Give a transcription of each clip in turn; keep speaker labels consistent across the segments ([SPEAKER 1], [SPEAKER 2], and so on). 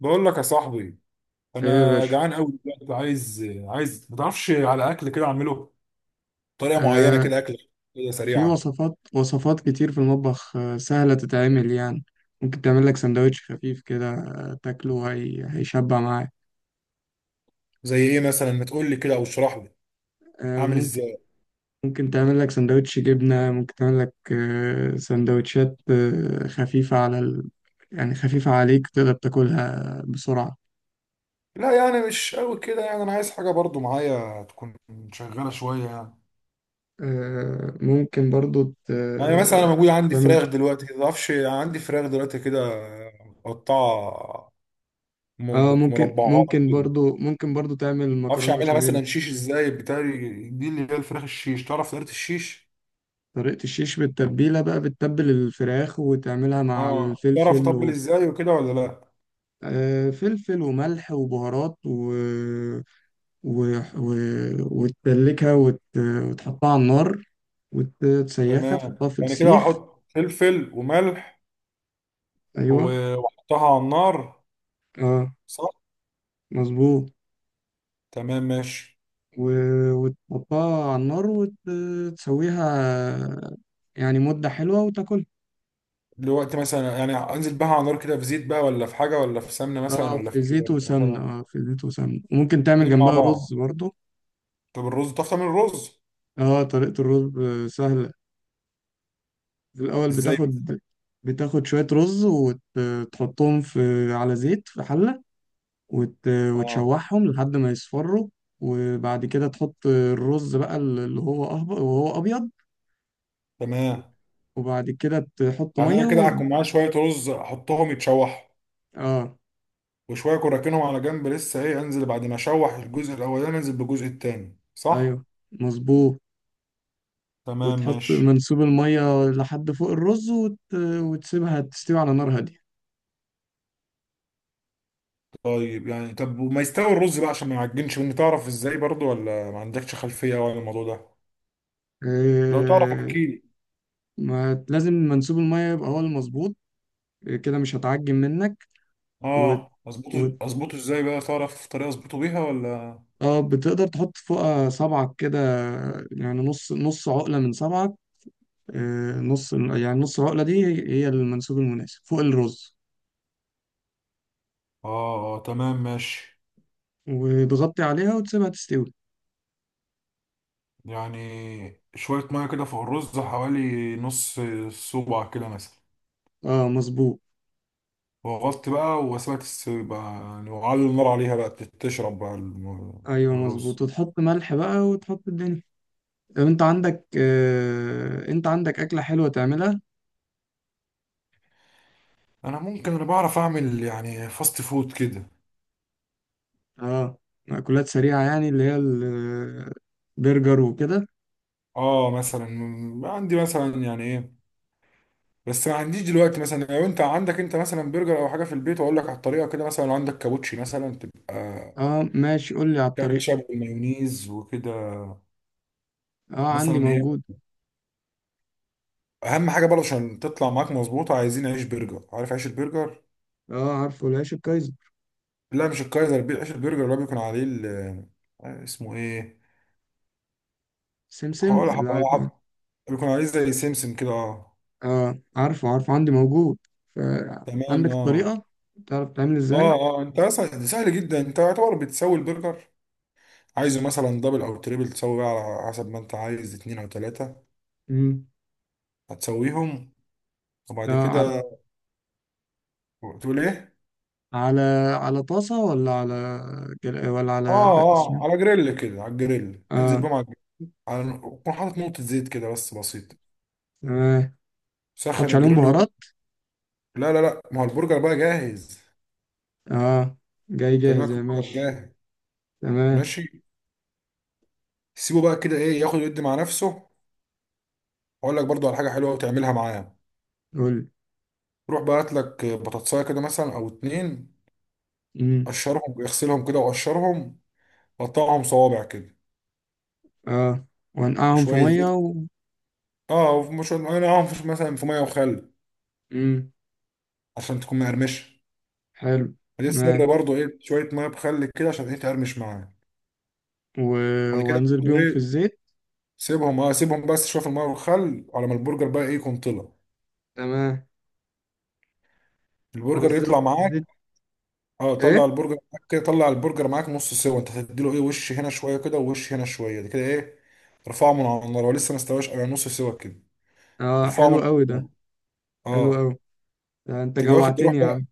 [SPEAKER 1] بقول لك يا صاحبي،
[SPEAKER 2] ايه يا
[SPEAKER 1] انا
[SPEAKER 2] باشا.
[SPEAKER 1] جعان قوي دلوقتي. عايز ما تعرفش، على اكل كده اعمله بطريقه معينه
[SPEAKER 2] آه.
[SPEAKER 1] كده، اكل كده
[SPEAKER 2] في
[SPEAKER 1] سريعه.
[SPEAKER 2] وصفات وصفات كتير في المطبخ سهلة تتعمل يعني. ممكن تعمل لك سندوتش خفيف كده تاكله هي هيشبع معاك.
[SPEAKER 1] زي ايه مثلا؟ ما تقول لي كده او اشرح لي
[SPEAKER 2] آه،
[SPEAKER 1] اعمل
[SPEAKER 2] ممكن.
[SPEAKER 1] ازاي.
[SPEAKER 2] ممكن تعمل لك سندوتش جبنة ممكن تعمل لك سندوتشات خفيفة يعني خفيفة عليك تقدر تاكلها بسرعة.
[SPEAKER 1] لا، يعني مش قوي كده. يعني انا عايز حاجه برضو معايا تكون شغاله شويه يعني.
[SPEAKER 2] آه، ممكن برضو
[SPEAKER 1] يعني مثلا انا موجود عندي
[SPEAKER 2] تعمل.
[SPEAKER 1] فراخ دلوقتي كده، ما تعرفش؟ عندي فراخ دلوقتي كده مقطعه
[SPEAKER 2] اه ممكن
[SPEAKER 1] مربعات
[SPEAKER 2] ممكن
[SPEAKER 1] كده. ما
[SPEAKER 2] برضو ممكن برضو تعمل
[SPEAKER 1] اعرفش
[SPEAKER 2] مكرونة
[SPEAKER 1] اعملها
[SPEAKER 2] بشاميل.
[SPEAKER 1] مثلا شيش ازاي، بتاعي دي اللي هي الفراخ الشيش. تعرف طريقه الشيش؟
[SPEAKER 2] طريقة الشيش بالتتبيلة بقى بتتبل الفراخ وتعملها مع
[SPEAKER 1] اه، تعرف
[SPEAKER 2] الفلفل
[SPEAKER 1] تطبل ازاي وكده ولا لا؟
[SPEAKER 2] آه، فلفل وملح وبهارات و... و... وتدلكها وتحطها على النار. وتسيخها
[SPEAKER 1] تمام،
[SPEAKER 2] تحطها في
[SPEAKER 1] يعني كده
[SPEAKER 2] السيخ.
[SPEAKER 1] هحط فلفل وملح
[SPEAKER 2] أيوة.
[SPEAKER 1] واحطها على النار،
[SPEAKER 2] اه.
[SPEAKER 1] صح؟
[SPEAKER 2] مظبوط.
[SPEAKER 1] تمام ماشي.
[SPEAKER 2] و... وتحطها على النار وتسويها. يعني مدة حلوة وتاكلها.
[SPEAKER 1] دلوقتي مثلا يعني انزل بقى على النار كده، في زيت بقى ولا في حاجه، ولا في سمنه مثلا، ولا في ايه برضه؟ خلاص،
[SPEAKER 2] في زيت وسمنة وممكن تعمل
[SPEAKER 1] اتنين مع
[SPEAKER 2] جنبها
[SPEAKER 1] بعض.
[SPEAKER 2] رز برضو.
[SPEAKER 1] طب الرز، تعرف تعمل الرز
[SPEAKER 2] اه، طريقة الرز سهلة. الأول
[SPEAKER 1] ازاي؟
[SPEAKER 2] بتاخد. بتاخد شوية رز وتحطهم في على زيت في حلة.
[SPEAKER 1] اه،
[SPEAKER 2] وتشوحهم لحد ما يصفروا. وبعد كده تحط الرز بقى اللي هو أهبط وهو أبيض.
[SPEAKER 1] تمام.
[SPEAKER 2] وبعد كده تحط
[SPEAKER 1] يعني انا
[SPEAKER 2] مية
[SPEAKER 1] كده هكون معايا شويه رز احطهم يتشوحوا،
[SPEAKER 2] آه.
[SPEAKER 1] وشويه اكون راكنهم على جنب، لسه ايه، انزل بعد ما اشوح الجزء الاولاني انزل بالجزء التاني، صح؟
[SPEAKER 2] أيوه. مظبوط.
[SPEAKER 1] تمام
[SPEAKER 2] وتحط
[SPEAKER 1] ماشي.
[SPEAKER 2] منسوب المية لحد فوق الرز وتسيبها تستوي على نار هادية.
[SPEAKER 1] طب وما يستوي الرز بقى عشان ما يعجنش مني، تعرف ازاي برضو ولا ما عندكش خلفية يعني عن الموضوع ده؟ لو تعرف
[SPEAKER 2] آه.
[SPEAKER 1] احكي لي.
[SPEAKER 2] ما لازم منسوب المية يبقى هو المظبوط. كده مش هتعجن منك. وت...
[SPEAKER 1] اه، اظبطه اظبطه ازاي بقى، تعرف طريقة اظبطه بيها ولا؟
[SPEAKER 2] اه، بتقدر تحط فوقها صبعك كده. يعني نص نص عقلة من صبعك. آه، نص يعني نص العقلة دي هي هي المنسوب المناسب فوق الرز.
[SPEAKER 1] اه اه، تمام ماشي.
[SPEAKER 2] وتغطي عليها وتسيبها تستوي.
[SPEAKER 1] يعني شوية مية كده فوق الرز، حوالي نص صباع كده مثلا.
[SPEAKER 2] اه، مظبوط.
[SPEAKER 1] وغطت بقى وسيبها بقى يعني، وعلي النار عليها بقى تشرب بقى
[SPEAKER 2] ايوه، مظبوط،
[SPEAKER 1] الرز.
[SPEAKER 2] وتحط ملح بقى وتحط الدنيا. طب انت عندك أكلة حلوة تعملها؟
[SPEAKER 1] انا ممكن انا بعرف اعمل يعني فاست فود كده.
[SPEAKER 2] اه. مأكولات سريعة يعني اللي هي البرجر وكده.
[SPEAKER 1] اه، مثلا عندي مثلا يعني ايه، بس ما عنديش دلوقتي مثلا. لو انت عندك، انت مثلا برجر او حاجه في البيت، واقول لك على الطريقه كده. مثلا لو عندك كابوتشي مثلا، تبقى
[SPEAKER 2] اه، ماشي، قول لي على الطريقة.
[SPEAKER 1] كاتشب ومايونيز وكده
[SPEAKER 2] اه، عندي
[SPEAKER 1] مثلا ايه.
[SPEAKER 2] موجود.
[SPEAKER 1] اهم حاجه برضه عشان تطلع معاك مظبوطه، عايزين عيش برجر، عارف عيش البرجر؟
[SPEAKER 2] اه، عارفه العيش الكايزر.
[SPEAKER 1] لا، مش الكايزر. عيش البرجر اللي هو بيكون عليه اسمه ايه،
[SPEAKER 2] سمسم
[SPEAKER 1] هقول
[SPEAKER 2] اللي عارف.
[SPEAKER 1] هبقى- بيكون عليه زي سمسم كده، اه.
[SPEAKER 2] اه، عارفه عارفه عندي موجود.
[SPEAKER 1] تمام،
[SPEAKER 2] فعندك
[SPEAKER 1] اه
[SPEAKER 2] الطريقة. تعرف تعمل
[SPEAKER 1] اه.
[SPEAKER 2] ازاي؟
[SPEAKER 1] اه، انت اصلا ده سهل جدا. انت يعتبر بتسوي البرجر، عايزه مثلا دبل او تريبل، تسوي بقى على حسب ما انت عايز، اتنين او تلاته.
[SPEAKER 2] مم.
[SPEAKER 1] هتسويهم وبعد
[SPEAKER 2] لا، على
[SPEAKER 1] كده تقول ايه.
[SPEAKER 2] على طاسة ولا على
[SPEAKER 1] اه
[SPEAKER 2] اسمه
[SPEAKER 1] اه،
[SPEAKER 2] إيه؟
[SPEAKER 1] على جريل كده، على الجريل انزل
[SPEAKER 2] اه،
[SPEAKER 1] بقى مع الجريل. على كون حاطط نقطة زيت كده بس بسيطة،
[SPEAKER 2] تمام.
[SPEAKER 1] سخن
[SPEAKER 2] حطش عليهم
[SPEAKER 1] الجريل
[SPEAKER 2] بهارات؟
[SPEAKER 1] لا لا لا، ما هو البرجر بقى جاهز.
[SPEAKER 2] اه، جاي جاهز،
[SPEAKER 1] بكلمك
[SPEAKER 2] يا
[SPEAKER 1] البرجر
[SPEAKER 2] ماشي.
[SPEAKER 1] جاهز،
[SPEAKER 2] تمام.
[SPEAKER 1] ماشي. سيبه بقى كده ايه، ياخد ويدي مع نفسه. واقول لك برضو على حاجة حلوة وتعملها معاه.
[SPEAKER 2] قول.
[SPEAKER 1] روح بقى هات لك بطاطساية كده مثلا او اتنين،
[SPEAKER 2] امم.
[SPEAKER 1] قشرهم اغسلهم كده وقشرهم، قطعهم صوابع كده.
[SPEAKER 2] اه. وانقعهم في
[SPEAKER 1] وشوية
[SPEAKER 2] مية
[SPEAKER 1] زيت، اه وشوية معاهم مثلا في مية وخل
[SPEAKER 2] امم.
[SPEAKER 1] عشان تكون مقرمشة.
[SPEAKER 2] حلو.
[SPEAKER 1] دي السر
[SPEAKER 2] تمام.
[SPEAKER 1] برضو ايه، شويه ميه بخل كده عشان ايه تقرمش معاه.
[SPEAKER 2] و...
[SPEAKER 1] بعد كده
[SPEAKER 2] وانزل
[SPEAKER 1] برضو
[SPEAKER 2] بيهم في
[SPEAKER 1] ايه،
[SPEAKER 2] الزيت.
[SPEAKER 1] سيبهم بس شويه في الميه والخل على ما البرجر بقى ايه يكون طلع.
[SPEAKER 2] تمام.
[SPEAKER 1] البرجر يطلع
[SPEAKER 2] وانزلهم في
[SPEAKER 1] معاك.
[SPEAKER 2] الزيت.
[SPEAKER 1] اه، طلع
[SPEAKER 2] ايه؟
[SPEAKER 1] البرجر معاك كده، طلع البرجر معاك نص سوا. انت هتديله ايه، وش هنا شويه كده ووش هنا شويه، ده كده ايه ارفعه من على النار. هو لسه ما استواش، على نص سوا كده
[SPEAKER 2] اه،
[SPEAKER 1] ارفعه من
[SPEAKER 2] حلو
[SPEAKER 1] على
[SPEAKER 2] قوي ده.
[SPEAKER 1] النار.
[SPEAKER 2] حلو
[SPEAKER 1] اه.
[SPEAKER 2] قوي. ده انت
[SPEAKER 1] تيجي واخد تروح
[SPEAKER 2] جوعتني يا
[SPEAKER 1] بقى.
[SPEAKER 2] عم.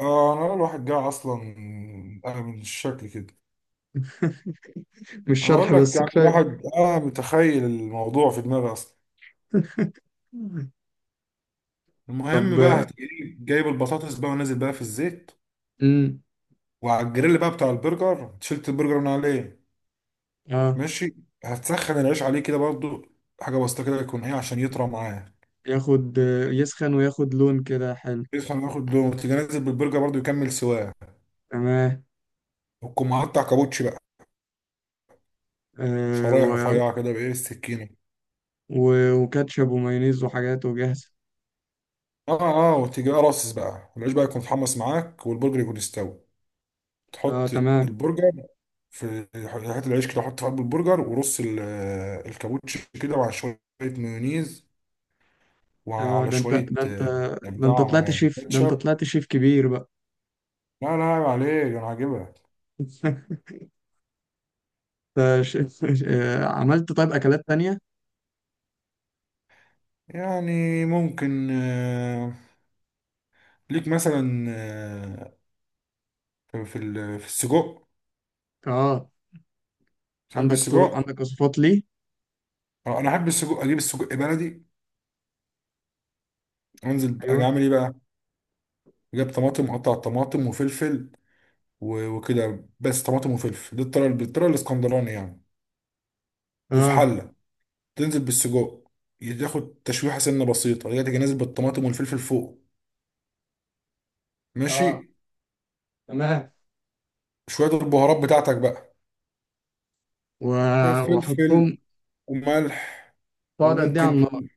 [SPEAKER 1] اه، انا الواحد جاي اصلا، انا من الشكل كده.
[SPEAKER 2] مش
[SPEAKER 1] انا بقول
[SPEAKER 2] شرح
[SPEAKER 1] لك
[SPEAKER 2] بس
[SPEAKER 1] يعني
[SPEAKER 2] كفاية.
[SPEAKER 1] الواحد متخيل الموضوع في دماغي اصلا. المهم بقى،
[SPEAKER 2] طب.
[SPEAKER 1] هتجيب جايب البطاطس بقى ونازل بقى في الزيت.
[SPEAKER 2] امم.
[SPEAKER 1] وعلى الجريل بقى بتاع البرجر، شلت البرجر من عليه،
[SPEAKER 2] اه،
[SPEAKER 1] ماشي. هتسخن العيش عليه كده برضو، حاجة بسيطة كده يكون ايه عشان يطرى معاه.
[SPEAKER 2] ياخد. يسخن وياخد لون كده حلو.
[SPEAKER 1] يسخن ياخد لون، تيجي نازل بالبرجر برضو يكمل سواه.
[SPEAKER 2] تمام.
[SPEAKER 1] وتكون مقطع كابوتشي بقى
[SPEAKER 2] آه.
[SPEAKER 1] شرايح رفيعة كده، بإيه، السكينة.
[SPEAKER 2] وكاتشب ومايونيز وحاجات وجاهزة.
[SPEAKER 1] اه اه، وتيجي بقى راصص بقى العيش بقى يكون اتحمص معاك والبرجر يكون استوى.
[SPEAKER 2] اه،
[SPEAKER 1] تحط
[SPEAKER 2] تمام.
[SPEAKER 1] البرجر في حته العيش كده، حط في قلب البرجر ورص الكابوتشي كده مع شوية مايونيز،
[SPEAKER 2] اه.
[SPEAKER 1] وعلى
[SPEAKER 2] ده انت
[SPEAKER 1] شوية
[SPEAKER 2] ده انت. ده انت
[SPEAKER 1] إبداع
[SPEAKER 2] طلعت شيف. ده انت
[SPEAKER 1] كاتشب.
[SPEAKER 2] طلعت شيف كبير بقى.
[SPEAKER 1] لا لا، عيب عليك، أنا عاجبها.
[SPEAKER 2] انت عملت طيب اكلات تانية؟
[SPEAKER 1] يعني ممكن ليك مثلا في في السجق.
[SPEAKER 2] اه،
[SPEAKER 1] تحب
[SPEAKER 2] عندك طرق،
[SPEAKER 1] السجق؟
[SPEAKER 2] عندك وصفات ليه؟
[SPEAKER 1] أنا أحب السجق. أجيب السجق بلدي، أنزل أجي
[SPEAKER 2] ايوه.
[SPEAKER 1] أعمل إيه بقى؟ أجيب طماطم، أقطع الطماطم وفلفل وكده. بس طماطم وفلفل، دي الطريقة، بالطريقة الإسكندراني يعني. وفي
[SPEAKER 2] اه.
[SPEAKER 1] حلة، تنزل بالسجق، تاخد تشويحة سنة بسيطة، هي تيجي نازل بالطماطم والفلفل فوق،
[SPEAKER 2] اه،
[SPEAKER 1] ماشي.
[SPEAKER 2] تمام.
[SPEAKER 1] شوية البهارات بتاعتك بقى،
[SPEAKER 2] و...
[SPEAKER 1] فلفل
[SPEAKER 2] وحطهم.
[SPEAKER 1] وملح.
[SPEAKER 2] تقعد قد ايه على النار؟
[SPEAKER 1] وممكن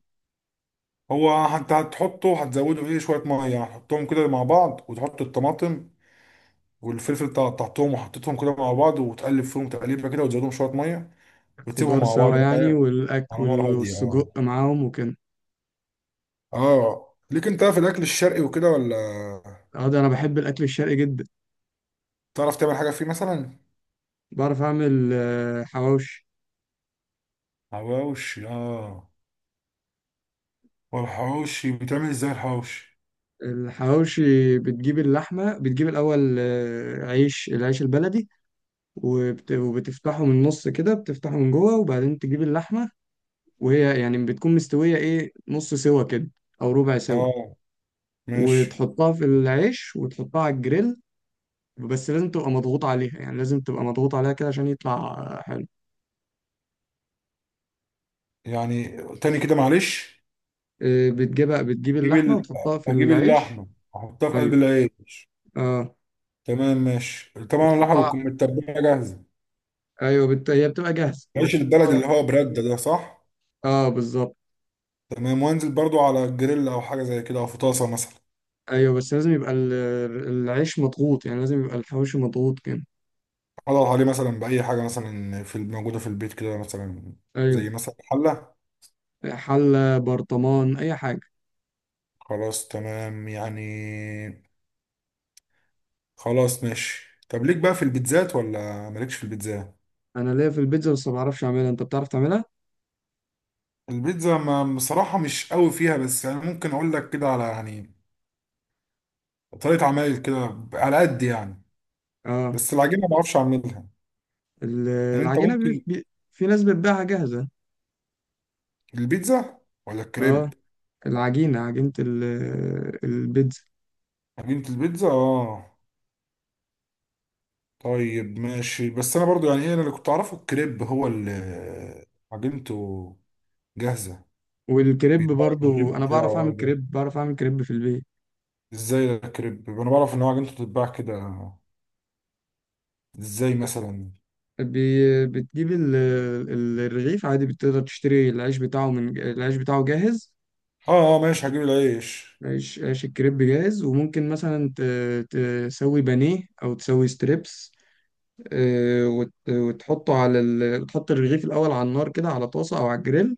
[SPEAKER 1] هو هتحطه، هتزوده فيه شوية مية يعني. هتحطهم كده مع بعض، وتحط الطماطم والفلفل اللي قطعتهم وحطيتهم كده مع بعض، وتقلب فيهم تقليبة كده، وتزودهم شوية مية، وتسيبهم
[SPEAKER 2] خضار
[SPEAKER 1] مع
[SPEAKER 2] سوا
[SPEAKER 1] بعض بقى
[SPEAKER 2] يعني
[SPEAKER 1] يعني على نار
[SPEAKER 2] والأكل
[SPEAKER 1] هادية. اه.
[SPEAKER 2] والسجق معاهم وكده.
[SPEAKER 1] اه، ليك انت في الأكل الشرقي وكده ولا؟
[SPEAKER 2] اه، ده أنا بحب الأكل الشرقي جدا.
[SPEAKER 1] تعرف تعمل حاجة فيه مثلا؟
[SPEAKER 2] بعرف أعمل حواوشي.
[SPEAKER 1] حواوشي، اه. والحواوشي بيتعمل ازاي الحواوشي؟
[SPEAKER 2] الحواوشي بتجيب اللحمة بتجيب الأول العيش البلدي. وبتفتحه من النص كده بتفتحه من جوه وبعدين تجيب اللحمة. وهي يعني بتكون مستوية إيه نص سوا كده. أو ربع سوا.
[SPEAKER 1] اه ماشي،
[SPEAKER 2] وتحطها في العيش وتحطها على الجريل. بس لازم تبقى مضغوط عليها، يعني لازم تبقى مضغوط عليها كده عشان يطلع حلو.
[SPEAKER 1] يعني تاني كده معلش.
[SPEAKER 2] آه، بتجيب
[SPEAKER 1] اجيب
[SPEAKER 2] اللحمة
[SPEAKER 1] ال...
[SPEAKER 2] وتحطها في
[SPEAKER 1] اجيب
[SPEAKER 2] العيش.
[SPEAKER 1] اللحمه، احطها في قلب
[SPEAKER 2] أيوه.
[SPEAKER 1] العيش.
[SPEAKER 2] أه.
[SPEAKER 1] تمام ماشي، طبعا اللحمه
[SPEAKER 2] وتحطها.
[SPEAKER 1] بتكون متبله جاهزه،
[SPEAKER 2] أيوه، هي بتبقى جاهزة
[SPEAKER 1] عيش البلد
[SPEAKER 2] وبتحطها.
[SPEAKER 1] اللي هو برده ده، صح؟
[SPEAKER 2] أه، بالظبط.
[SPEAKER 1] تمام، وانزل برضو على الجريل، او حاجه زي كده، او في طاسه مثلا.
[SPEAKER 2] أيوه بس لازم يبقى العيش مضغوط، يعني لازم يبقى الحواوشي مضغوط كده.
[SPEAKER 1] اضغط عليه مثلا باي حاجه مثلا في موجوده في البيت كده، مثلا زي
[SPEAKER 2] أيوه.
[SPEAKER 1] مثلا حله.
[SPEAKER 2] حلة، برطمان، أي حاجة.
[SPEAKER 1] خلاص تمام يعني، خلاص ماشي. طب ليك بقى في البيتزات ولا مالكش في البيتزا؟
[SPEAKER 2] أنا ليا في البيتزا بس ما بعرفش أعملها. أنت بتعرف تعملها؟
[SPEAKER 1] البيتزا، ما بصراحه مش قوي فيها، بس يعني ممكن اقول لك كده على، يعني طريقه عمل كده على قد يعني.
[SPEAKER 2] أه.
[SPEAKER 1] بس العجينه ما اعرفش اعملها. يعني انت
[SPEAKER 2] العجينة
[SPEAKER 1] ممكن،
[SPEAKER 2] في ناس بتبيعها جاهزة.
[SPEAKER 1] البيتزا ولا
[SPEAKER 2] أه.
[SPEAKER 1] الكريب؟
[SPEAKER 2] العجينة عجينة البيتزا.
[SPEAKER 1] عجينه البيتزا، اه. طيب ماشي، بس انا برضو يعني ايه، انا اللي كنت اعرفه الكريب هو اللي عجينته جاهزه،
[SPEAKER 2] والكريب
[SPEAKER 1] بيتباع
[SPEAKER 2] برضو
[SPEAKER 1] الكريب
[SPEAKER 2] أنا
[SPEAKER 1] بتاعه،
[SPEAKER 2] بعرف أعمل
[SPEAKER 1] اه ده.
[SPEAKER 2] كريب بعرف أعمل كريب في البيت.
[SPEAKER 1] ازاي الكريب، انا بعرف ان هو عجينته بتتباع كده. ازاي مثلا؟
[SPEAKER 2] بتجيب الرغيف عادي بتقدر تشتري العيش بتاعه من العيش بتاعه جاهز.
[SPEAKER 1] اه اه، ماشي هجيب العيش.
[SPEAKER 2] عيش الكريب جاهز وممكن مثلا تسوي بانيه او تسوي ستريبس. آه، وتحط الرغيف الاول على النار كده على طاسه او على الجريل.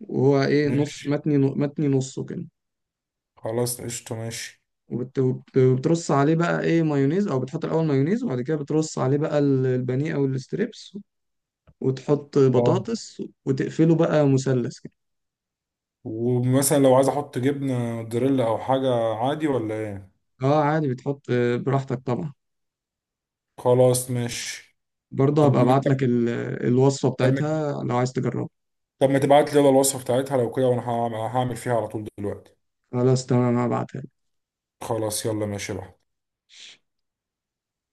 [SPEAKER 2] وهو ايه نص
[SPEAKER 1] ماشي
[SPEAKER 2] متني متني نصه كده.
[SPEAKER 1] خلاص قشطه ماشي.
[SPEAKER 2] وبترص عليه بقى ايه مايونيز او بتحط الاول مايونيز وبعد كده بترص عليه بقى البانيه او الستريبس. وتحط
[SPEAKER 1] اه،
[SPEAKER 2] بطاطس وتقفله بقى مثلث كده.
[SPEAKER 1] ومثلا لو عايز احط جبنه موتزاريلا او حاجه عادي ولا ايه؟
[SPEAKER 2] اه، عادي بتحط براحتك طبعا.
[SPEAKER 1] خلاص ماشي.
[SPEAKER 2] برضه
[SPEAKER 1] طب
[SPEAKER 2] هبقى ابعت لك الوصفة
[SPEAKER 1] طب ما-
[SPEAKER 2] بتاعتها لو عايز تجربها.
[SPEAKER 1] طب ما تبعت لي يلا الوصفة بتاعتها لو كده، وانا هعمل فيها على طول دلوقتي.
[SPEAKER 2] خلاص تمام هبعتها.
[SPEAKER 1] خلاص يلا ماشي بقى.